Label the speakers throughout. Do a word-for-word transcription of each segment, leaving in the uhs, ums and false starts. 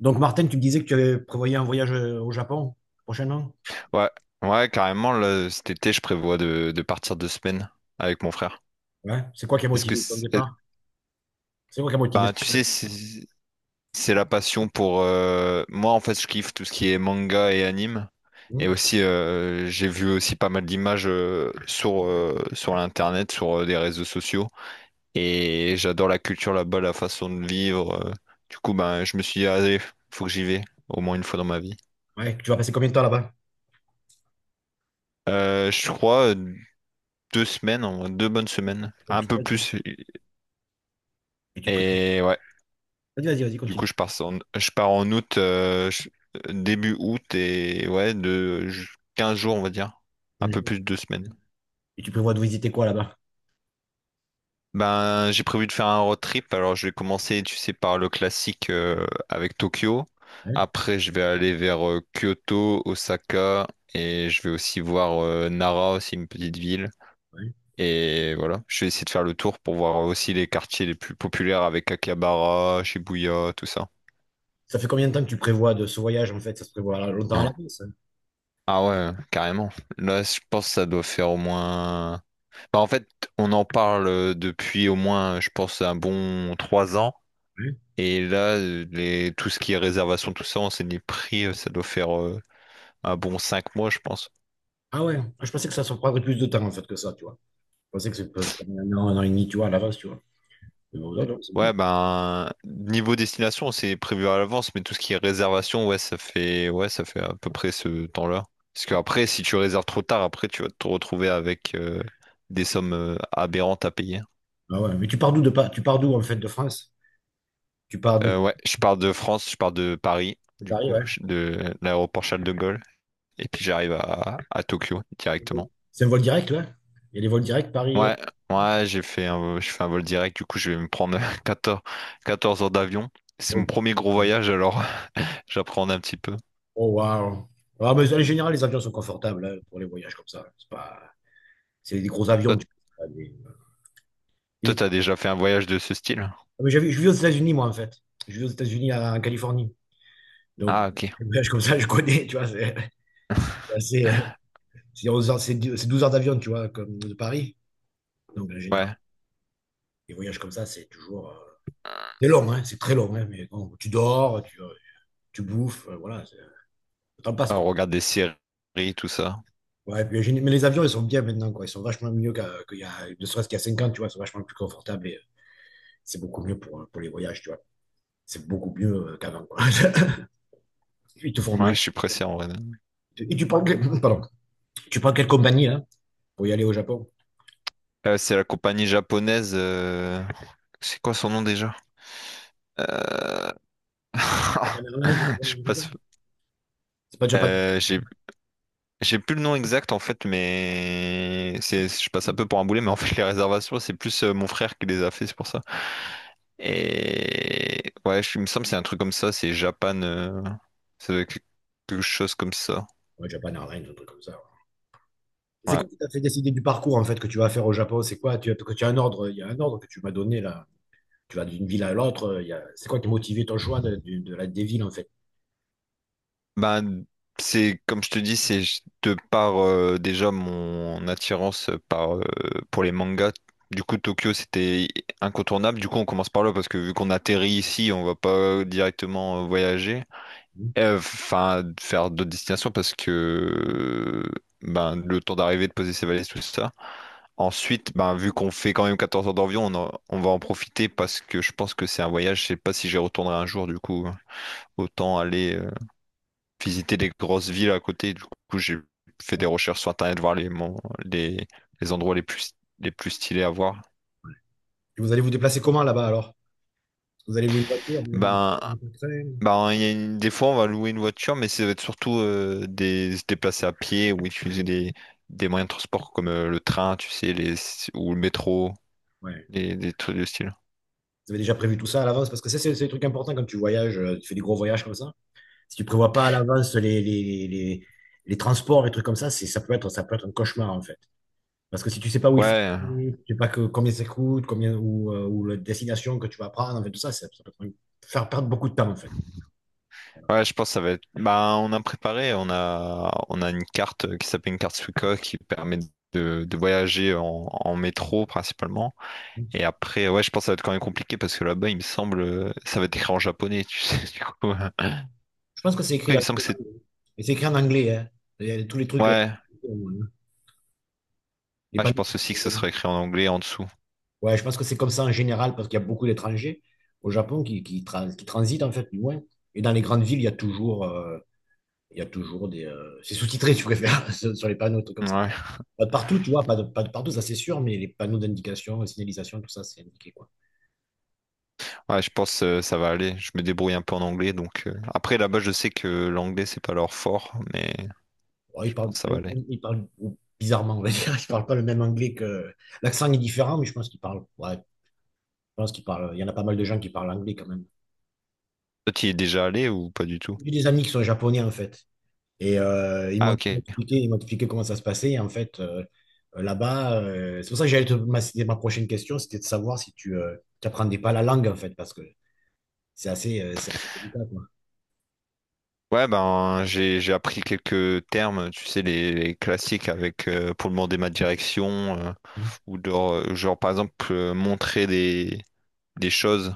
Speaker 1: Donc, Martin, tu me disais que tu avais prévoyé un voyage euh, au Japon prochainement?
Speaker 2: Ouais, ouais, carrément, là, cet été, je prévois de, de partir deux semaines avec mon frère.
Speaker 1: Ouais. C'est quoi qui a
Speaker 2: Est-ce que,
Speaker 1: motivé ton
Speaker 2: c'est- euh,
Speaker 1: départ? C'est quoi qui a motivé
Speaker 2: Bah,
Speaker 1: ce
Speaker 2: tu
Speaker 1: voyage?
Speaker 2: sais, c'est c'est la passion pour, euh, moi, en fait, je kiffe tout ce qui est manga et anime. Et
Speaker 1: Hmm.
Speaker 2: aussi, euh, j'ai vu aussi pas mal d'images euh, sur, euh, sur l'internet, sur euh, des réseaux sociaux. Et j'adore la culture là-bas, la façon de vivre. euh. Du coup, ben, je me suis dit, allez, faut que j'y vais, au moins une fois dans ma vie.
Speaker 1: Ouais, tu vas passer combien de temps là-bas?
Speaker 2: Euh, je crois euh, deux semaines, en- deux bonnes semaines, un peu plus.
Speaker 1: Et tu prévois...
Speaker 2: Et ouais,
Speaker 1: Vas-y, vas-y, vas-y,
Speaker 2: du coup,
Speaker 1: continue.
Speaker 2: je pars en, je pars en août, euh, je- début août, et ouais, de ju- quinze jours, on va dire. Un
Speaker 1: Un
Speaker 2: peu
Speaker 1: jour.
Speaker 2: plus de deux semaines.
Speaker 1: Et tu prévois de visiter quoi là-bas?
Speaker 2: Ben, j'ai prévu de faire un road trip. Alors, je vais commencer, tu sais, par le classique euh, avec Tokyo.
Speaker 1: Ouais,
Speaker 2: Après, je vais aller vers euh, Kyoto, Osaka, et je vais aussi voir euh, Nara, aussi une petite ville.
Speaker 1: ouais.
Speaker 2: Et voilà, je vais essayer de faire le tour pour voir aussi les quartiers les plus populaires avec Akihabara, Shibuya, tout ça.
Speaker 1: Ça fait combien de temps que tu prévois de ce voyage en fait? Ça se prévoit à- longtemps à l'avance, hein?
Speaker 2: Ah ouais, carrément. Là, je pense que ça doit faire au moins... Bah, en fait, on en parle euh, depuis au moins, je pense, un bon trois ans.
Speaker 1: Ouais.
Speaker 2: Et là, euh, les... tout ce qui est réservation, tout ça, on s'est dit prix, euh, ça doit faire euh, un bon cinq mois, je pense.
Speaker 1: Ah ouais. Ah, je pensais que ça se prendrait plus de temps en fait que ça, tu vois. Je pensais que c'est peut- un an, un an et demi, tu vois, à l'avance, tu vois. Mais bon, non, non, c'est
Speaker 2: Ouais,
Speaker 1: bien.
Speaker 2: ben, niveau destination, c'est prévu à l'avance, mais tout ce qui est réservation, ouais, ça fait, ouais, ça fait à peu près ce temps-là. Parce qu'après, si tu réserves trop tard, après, tu vas te retrouver avec euh, des sommes euh, aberrantes à payer.
Speaker 1: Ah ouais, mais tu pars d'où de pas... Tu pars d'où en fait de France? Tu pars de
Speaker 2: Euh, ouais, je pars de France, je pars de Paris,
Speaker 1: de
Speaker 2: du
Speaker 1: Paris,
Speaker 2: coup,
Speaker 1: ouais.
Speaker 2: je- de l'aéroport Charles de Gaulle, et puis j'arrive à, à Tokyo directement.
Speaker 1: C'est un vol direct, là? Il y a des vols directs Paris. euh,
Speaker 2: Ouais, ouais, j'ai fait un, je fais un vol direct, du coup, je vais me prendre quatorze, quatorze heures d'avion. C'est mon
Speaker 1: Oh,
Speaker 2: premier gros voyage, alors j'apprends un petit peu.
Speaker 1: oh, waouh. Ah, mais en général, les avions sont confortables, hein, pour les voyages comme ça. C'est pas... c'est des gros avions,
Speaker 2: Toi,
Speaker 1: tu vois, des-
Speaker 2: toi,
Speaker 1: des-
Speaker 2: t'as déjà fait un voyage de ce style?
Speaker 1: ah, mais j'avais- je vis aux États-Unis, moi, en fait. Je vis aux États-Unis, à- en Californie. Donc,
Speaker 2: Ah, ok.
Speaker 1: les voyages comme ça, je connais, tu vois. C'est c'est assez, euh, c'est onze heures- c'est dix c'est douze heures d'avion, tu vois, comme de Paris. Donc, en général,
Speaker 2: Ouais,
Speaker 1: les voyages comme ça, c'est toujours. euh, C'est long, hein, c'est très long, hein, mais bon, tu dors, tu, euh, tu bouffes, euh, voilà, c'est- le temps passe,
Speaker 2: on
Speaker 1: quoi.
Speaker 2: regarde des séries, tout ça.
Speaker 1: Ouais, puis j'ai- mais les avions, ils sont bien maintenant, quoi. Ils sont vachement mieux qu'à- qu'il y a, ne serait-ce qu'il y a cinq ans, tu vois, ils sont vachement plus confortables et euh, c'est beaucoup mieux pour, euh, pour les voyages, tu vois. C'est beaucoup mieux euh, qu'avant, quoi. Ils te font
Speaker 2: Ouais,
Speaker 1: manger.
Speaker 2: je suis pressé en vrai.
Speaker 1: Et tu prends, que- pardon, tu prends quelle compagnie, là, pour y aller au Japon?
Speaker 2: Euh, c'est la compagnie japonaise. euh, C'est quoi son nom déjà? Euh,
Speaker 1: Japan Airlines, je sais pas,
Speaker 2: Je
Speaker 1: un comme ça.
Speaker 2: passe.
Speaker 1: C'est pas Japan.
Speaker 2: Euh, j'ai J'ai plus le nom exact en fait, mais c'est, je passe un peu pour un boulet, mais en fait les réservations c'est plus euh, mon frère qui les a fait, c'est pour ça. Et ouais, je, il me semble que c'est un truc comme ça, c'est Japan, euh, ça doit être quelque chose comme ça.
Speaker 1: Ouais, Japan Airlines, un truc comme ça, ouais. C'est
Speaker 2: Ouais.
Speaker 1: quoi qui t'a fait décider du parcours, en fait, que tu vas faire au Japon? C'est quoi? Tu as, que tu as un ordre, il y a un ordre que tu m'as donné, là. Tu vas d'une ville à l'autre. euh, il y a- C'est quoi qui a motivé ton choix de, de- de la, des villes, en fait?
Speaker 2: Ben c'est comme je te dis, c'est de par euh, déjà mon attirance par euh, pour les mangas. Du coup Tokyo c'était incontournable. Du coup on commence par là parce que vu qu'on atterrit ici, on va pas directement euh, voyager.
Speaker 1: Hmm?
Speaker 2: Euh, Enfin, faire d'autres destinations parce que ben, le temps d'arriver, de poser ses valises, tout ça. Ensuite, ben, vu qu'on fait quand même quatorze heures d'avion, on, en- on va en profiter parce que je pense que c'est un voyage. Je sais pas si j'y retournerai un jour, du coup. Autant aller euh, visiter les grosses villes à côté. Du coup, j'ai fait des recherches sur Internet, voir les, mon- les, les endroits les plus, les plus stylés à voir.
Speaker 1: Et vous allez vous déplacer comment là-bas alors? Vous allez louer une voiture? Vous
Speaker 2: Ben,
Speaker 1: allez- vous allez vous
Speaker 2: Bah, il y a une- des fois, on va louer une voiture, mais ça va être surtout euh, des... se déplacer à pied ou utiliser des, des moyens de transport comme euh, le train, tu sais, les... ou le métro,
Speaker 1: ouais.
Speaker 2: des, des trucs de style.
Speaker 1: Vous avez déjà prévu tout ça à l'avance? Parce que ça, c'est c'est le truc important quand tu voyages, euh, tu fais des gros voyages comme ça. Si tu prévois pas à l'avance les, les, les, les- transports, les trucs comme ça, c'est, ça peut être, ça peut être un cauchemar en fait. Parce que si tu sais pas où il faut,
Speaker 2: Ouais,
Speaker 1: aller, tu sais pas que, combien ça coûte, combien, ou, euh, ou la destination que tu vas prendre, en fait, tout ça, ça, ça peut te faire perdre beaucoup de temps en fait.
Speaker 2: ouais, je pense que ça va être. Bah, on a préparé, on a, on a une carte euh, qui s'appelle une carte Suica qui permet de, de voyager en, en métro principalement. Et après, ouais, je pense que ça va être quand même compliqué parce que là-bas, il me semble, euh, ça va être écrit en japonais, tu sais, du coup. euh.
Speaker 1: Je pense que c'est écrit
Speaker 2: Après, il
Speaker 1: dans
Speaker 2: me
Speaker 1: le
Speaker 2: semble que
Speaker 1: programme,
Speaker 2: c'est.
Speaker 1: hein. Et c'est écrit en anglais, hein. Il y a tous les trucs, euh,
Speaker 2: Ouais,
Speaker 1: les
Speaker 2: ouais, je
Speaker 1: panneaux.
Speaker 2: pense aussi que ça sera écrit en anglais en dessous.
Speaker 1: Ouais, je pense que c'est comme ça en général, parce qu'il y a beaucoup d'étrangers au Japon qui, qui, trans- qui transitent, en fait, du moins. Et dans les grandes villes, il y a toujours, euh, il y a toujours des. Euh, c'est sous-titré, tu préfères, sur sur les panneaux, des trucs comme ça.
Speaker 2: Ouais,
Speaker 1: Pas de partout, tu vois, pas de, pas de partout, ça c'est sûr, mais les panneaux d'indication, signalisation, tout ça, c'est indiqué, quoi.
Speaker 2: ouais, je pense que ça va aller. Je me débrouille un peu en anglais, donc euh, après là-bas, je sais que l'anglais c'est pas leur fort, mais
Speaker 1: Bon,
Speaker 2: je
Speaker 1: ils
Speaker 2: pense
Speaker 1: parlent,
Speaker 2: que ça
Speaker 1: pas-
Speaker 2: va
Speaker 1: ils
Speaker 2: aller.
Speaker 1: parlent, ils parlent bizarrement, on va dire. Ils parlent pas le même anglais que. L'accent est différent, mais je pense qu'ils parlent. Ouais, je pense qu'ils parlent. Il y en a pas mal de gens qui parlent anglais quand même.
Speaker 2: Toi, tu y es déjà allé ou pas du tout?
Speaker 1: J'ai des amis qui sont japonais, en fait. Et euh, ils
Speaker 2: Ah
Speaker 1: m'ont
Speaker 2: ok.
Speaker 1: expliqué, ils m'ont expliqué comment ça se passait. Et en fait, euh, là-bas, euh, c'est pour ça que j'allais te, ma, c'était ma prochaine question, c'était de savoir si tu n'apprenais pas la langue, en fait, parce que c'est assez, euh, c'est assez délicat, quoi.
Speaker 2: Ouais, ben j'ai j'ai appris quelques termes, tu sais les, les classiques avec euh, pour demander ma direction euh,
Speaker 1: Mhm.
Speaker 2: ou genre, euh, genre, par exemple euh, montrer des des choses.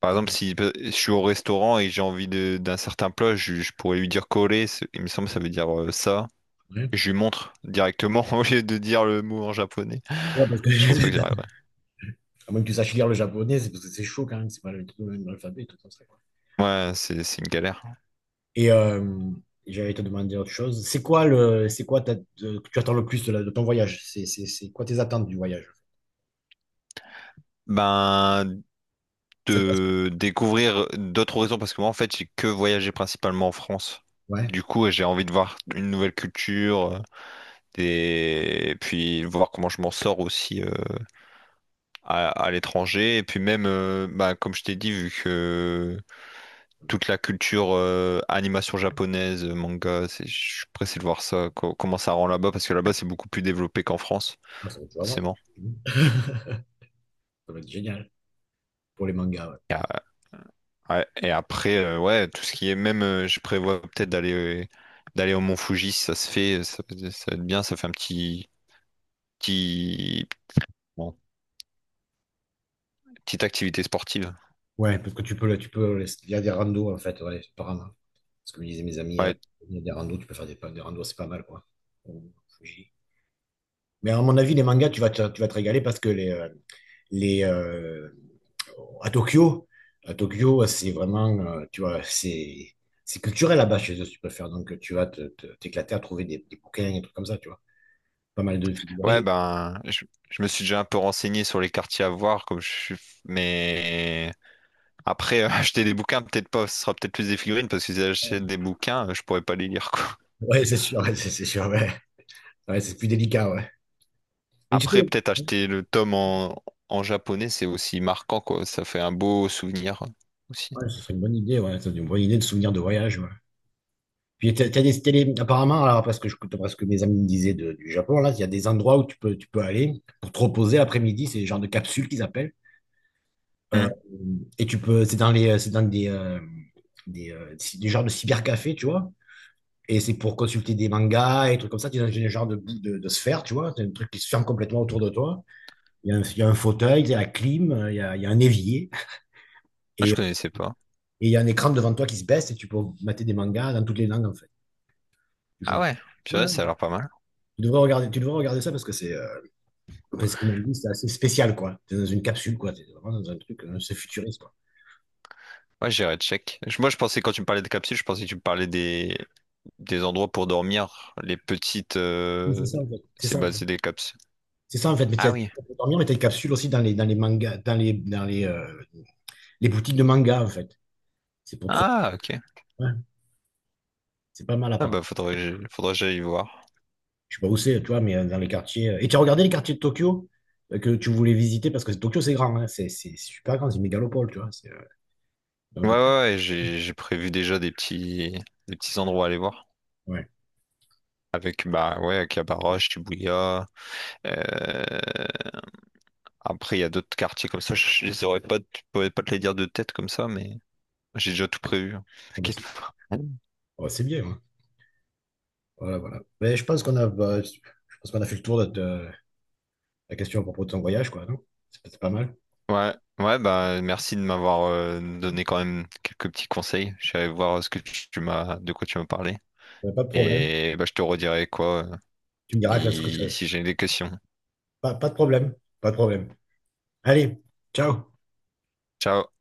Speaker 2: Par exemple, si euh, je suis au restaurant et j'ai envie de- d'un certain plat, je, je pourrais lui dire coller, c'est- il me semble que ça veut dire euh, ça.
Speaker 1: Ouais.
Speaker 2: Je lui montre directement au lieu de dire le mot en japonais.
Speaker 1: Ouais, parce que,
Speaker 2: Je pense pas que j'y arriverai.
Speaker 1: à moins que tu saches lire le japonais, c'est parce que c'est chaud quand même, c'est pas le, tout le même alphabet, tout comme ça, quoi.
Speaker 2: Ouais, c'est c'est une galère.
Speaker 1: Et euh, j'allais te demander autre chose. C'est quoi le, c'est quoi ta- de- que tu attends le plus de, la- de ton voyage? C'est, c'est, c'est quoi tes attentes du voyage?
Speaker 2: Ben,
Speaker 1: Ça te passe-
Speaker 2: de découvrir d'autres horizons, parce que moi, en fait, j'ai que voyagé principalement en France.
Speaker 1: ouais,
Speaker 2: Du coup, j'ai envie de voir une nouvelle culture, euh, et puis voir comment je m'en sors aussi euh, à, à l'étranger. Et puis même, euh, bah, comme je t'ai dit, vu que toute la culture euh, animation japonaise, manga, c'est- je suis pressé de voir ça, co- comment ça rend là-bas, parce que là-bas, c'est beaucoup plus développé qu'en France.
Speaker 1: ah, ça, tu vas voir.
Speaker 2: forcément.
Speaker 1: Mhm. Ça va être génial pour les mangas, ouais.
Speaker 2: Ouais, Et après, euh, ouais, tout ce qui est même, euh, je prévois peut-être d'aller euh, d'aller au Mont Fuji, si ça se fait, euh, ça, ça va être bien, ça fait un petit, petit, bon, petite activité sportive.
Speaker 1: Ouais, parce que tu peux, le- tu peux, les- il y a des randos en fait, ouais, c'est pas grave. Parce que me disaient mes amis, il y a
Speaker 2: Ouais,
Speaker 1: il y a des randos, tu peux faire des, des randos, c'est pas mal quoi. Au Fuji. Mais à mon avis, les mangas, tu vas te, tu vas te régaler parce que les, euh, les euh, à Tokyo, à Tokyo, c'est vraiment, euh, tu vois, c'est c'est culturel là-bas chez eux, si tu peux faire. Donc tu vas te, te- t'éclater à trouver des, des bouquins et des trucs comme ça, tu vois. Pas mal de
Speaker 2: ouais,
Speaker 1: figurines.
Speaker 2: ben, je, je me suis déjà un peu renseigné sur les quartiers à voir, comme je suis, mais après, euh, acheter des bouquins, peut-être pas, ce sera peut-être plus des figurines, parce que si j'achète des bouquins, euh, je pourrais pas les lire, quoi.
Speaker 1: Ouais, c'est sûr, ouais, c'est c'est sûr, ouais. Ouais, c'est plus délicat, ouais. Mais tu
Speaker 2: Après,
Speaker 1: sais,
Speaker 2: peut-être acheter le tome en, en japonais, c'est aussi marquant, quoi, ça fait un beau souvenir euh, aussi.
Speaker 1: ouais, ce serait une bonne idée, ouais, c'est une bonne idée de souvenir de voyage, ouais. Puis t'as, t'as des, t'as des- apparemment, alors, parce que, je, parce que mes amis me disaient de- du Japon, là, il y a des endroits où tu peux, tu peux aller pour te reposer l'après-midi, c'est le genre de capsule qu'ils appellent. Euh, et tu peux, c'est dans les, c'est dans des, euh, des, euh, ci- des genres de cybercafés, tu vois. Et c'est pour consulter des mangas et trucs comme ça. Tu es dans un genre de, boule de, de sphère, tu vois. C'est un truc qui se ferme complètement autour de toi. Il y a un, il y a un fauteuil, il y a la clim, euh, il y a, il y a un évier.
Speaker 2: Ah,
Speaker 1: Et,
Speaker 2: je
Speaker 1: et
Speaker 2: connaissais pas.
Speaker 1: il y a un écran devant toi qui se baisse et tu peux mater des mangas dans toutes les langues, en fait. Tu
Speaker 2: Ah
Speaker 1: choisis.
Speaker 2: ouais,
Speaker 1: Ouais,
Speaker 2: purée, ça a
Speaker 1: ouais.
Speaker 2: l'air pas mal.
Speaker 1: tu devrais regarder, tu devrais regarder ça parce que c'est. euh, Parce ce qu'ils m'ont dit, c'est assez spécial, quoi. T'es dans une capsule, quoi. T'es vraiment dans un truc, euh, c'est futuriste, quoi.
Speaker 2: Ouais, j'irai check. Je- Moi, je pensais, quand tu me parlais de capsules, je pensais que tu me parlais des, des endroits pour dormir, les petites...
Speaker 1: Mais c'est
Speaker 2: euh,
Speaker 1: ça, en fait. C'est
Speaker 2: C'est
Speaker 1: ça, en
Speaker 2: bah,
Speaker 1: fait.
Speaker 2: c'est des capsules.
Speaker 1: C'est ça, en fait. Mais
Speaker 2: Ah
Speaker 1: t'as- tu
Speaker 2: oui.
Speaker 1: peux dormir, mais t'as une capsule aussi dans les, dans les mangas, dans les, dans les, euh, les boutiques de mangas, en fait. C'est pour trop,
Speaker 2: Ah, ok.
Speaker 1: ouais. C'est pas mal,
Speaker 2: Ah
Speaker 1: apparemment.
Speaker 2: bah, faudrait, que j'aille- faudrait que j'aille voir.
Speaker 1: Je sais pas où c'est, tu vois, mais euh, dans les quartiers. euh. Et tu as regardé les quartiers de Tokyo euh, que tu voulais visiter, parce que Tokyo, c'est grand, hein. C'est c'est super grand, c'est une mégalopole, tu vois. C'est, euh,
Speaker 2: Ouais,
Speaker 1: Donc, euh,
Speaker 2: ouais, ouais, j'ai j'ai prévu déjà des petits, des petits endroits à aller voir.
Speaker 1: ouais.
Speaker 2: Avec, bah ouais, Cabarroche, Shibuya. euh, Après, il y a d'autres quartiers comme ça. Je je les aurais pas, je pourrais pas te les dire de tête comme ça, mais j'ai déjà tout prévu. Hein.
Speaker 1: Bon, bah, c'est
Speaker 2: T'inquiète pas.
Speaker 1: oh, c'est bien, hein. Voilà, voilà. Mais je pense qu'on a, bah, je pense qu'on a fait le tour de, de- la question à propos de ton voyage, quoi, non? C'est pas c'est pas mal.
Speaker 2: Ouais, ouais, bah merci de m'avoir euh, donné quand même quelques petits conseils. Je suis allé voir ce que tu tu m'as, de quoi tu m'as parlé.
Speaker 1: Euh, Pas de problème.
Speaker 2: Et bah je te redirai quoi euh,
Speaker 1: Tu me diras qu'est-ce que
Speaker 2: si
Speaker 1: c'est.
Speaker 2: si j'ai des questions.
Speaker 1: Pas, pas de problème. Pas de problème. Allez, ciao.
Speaker 2: Ciao.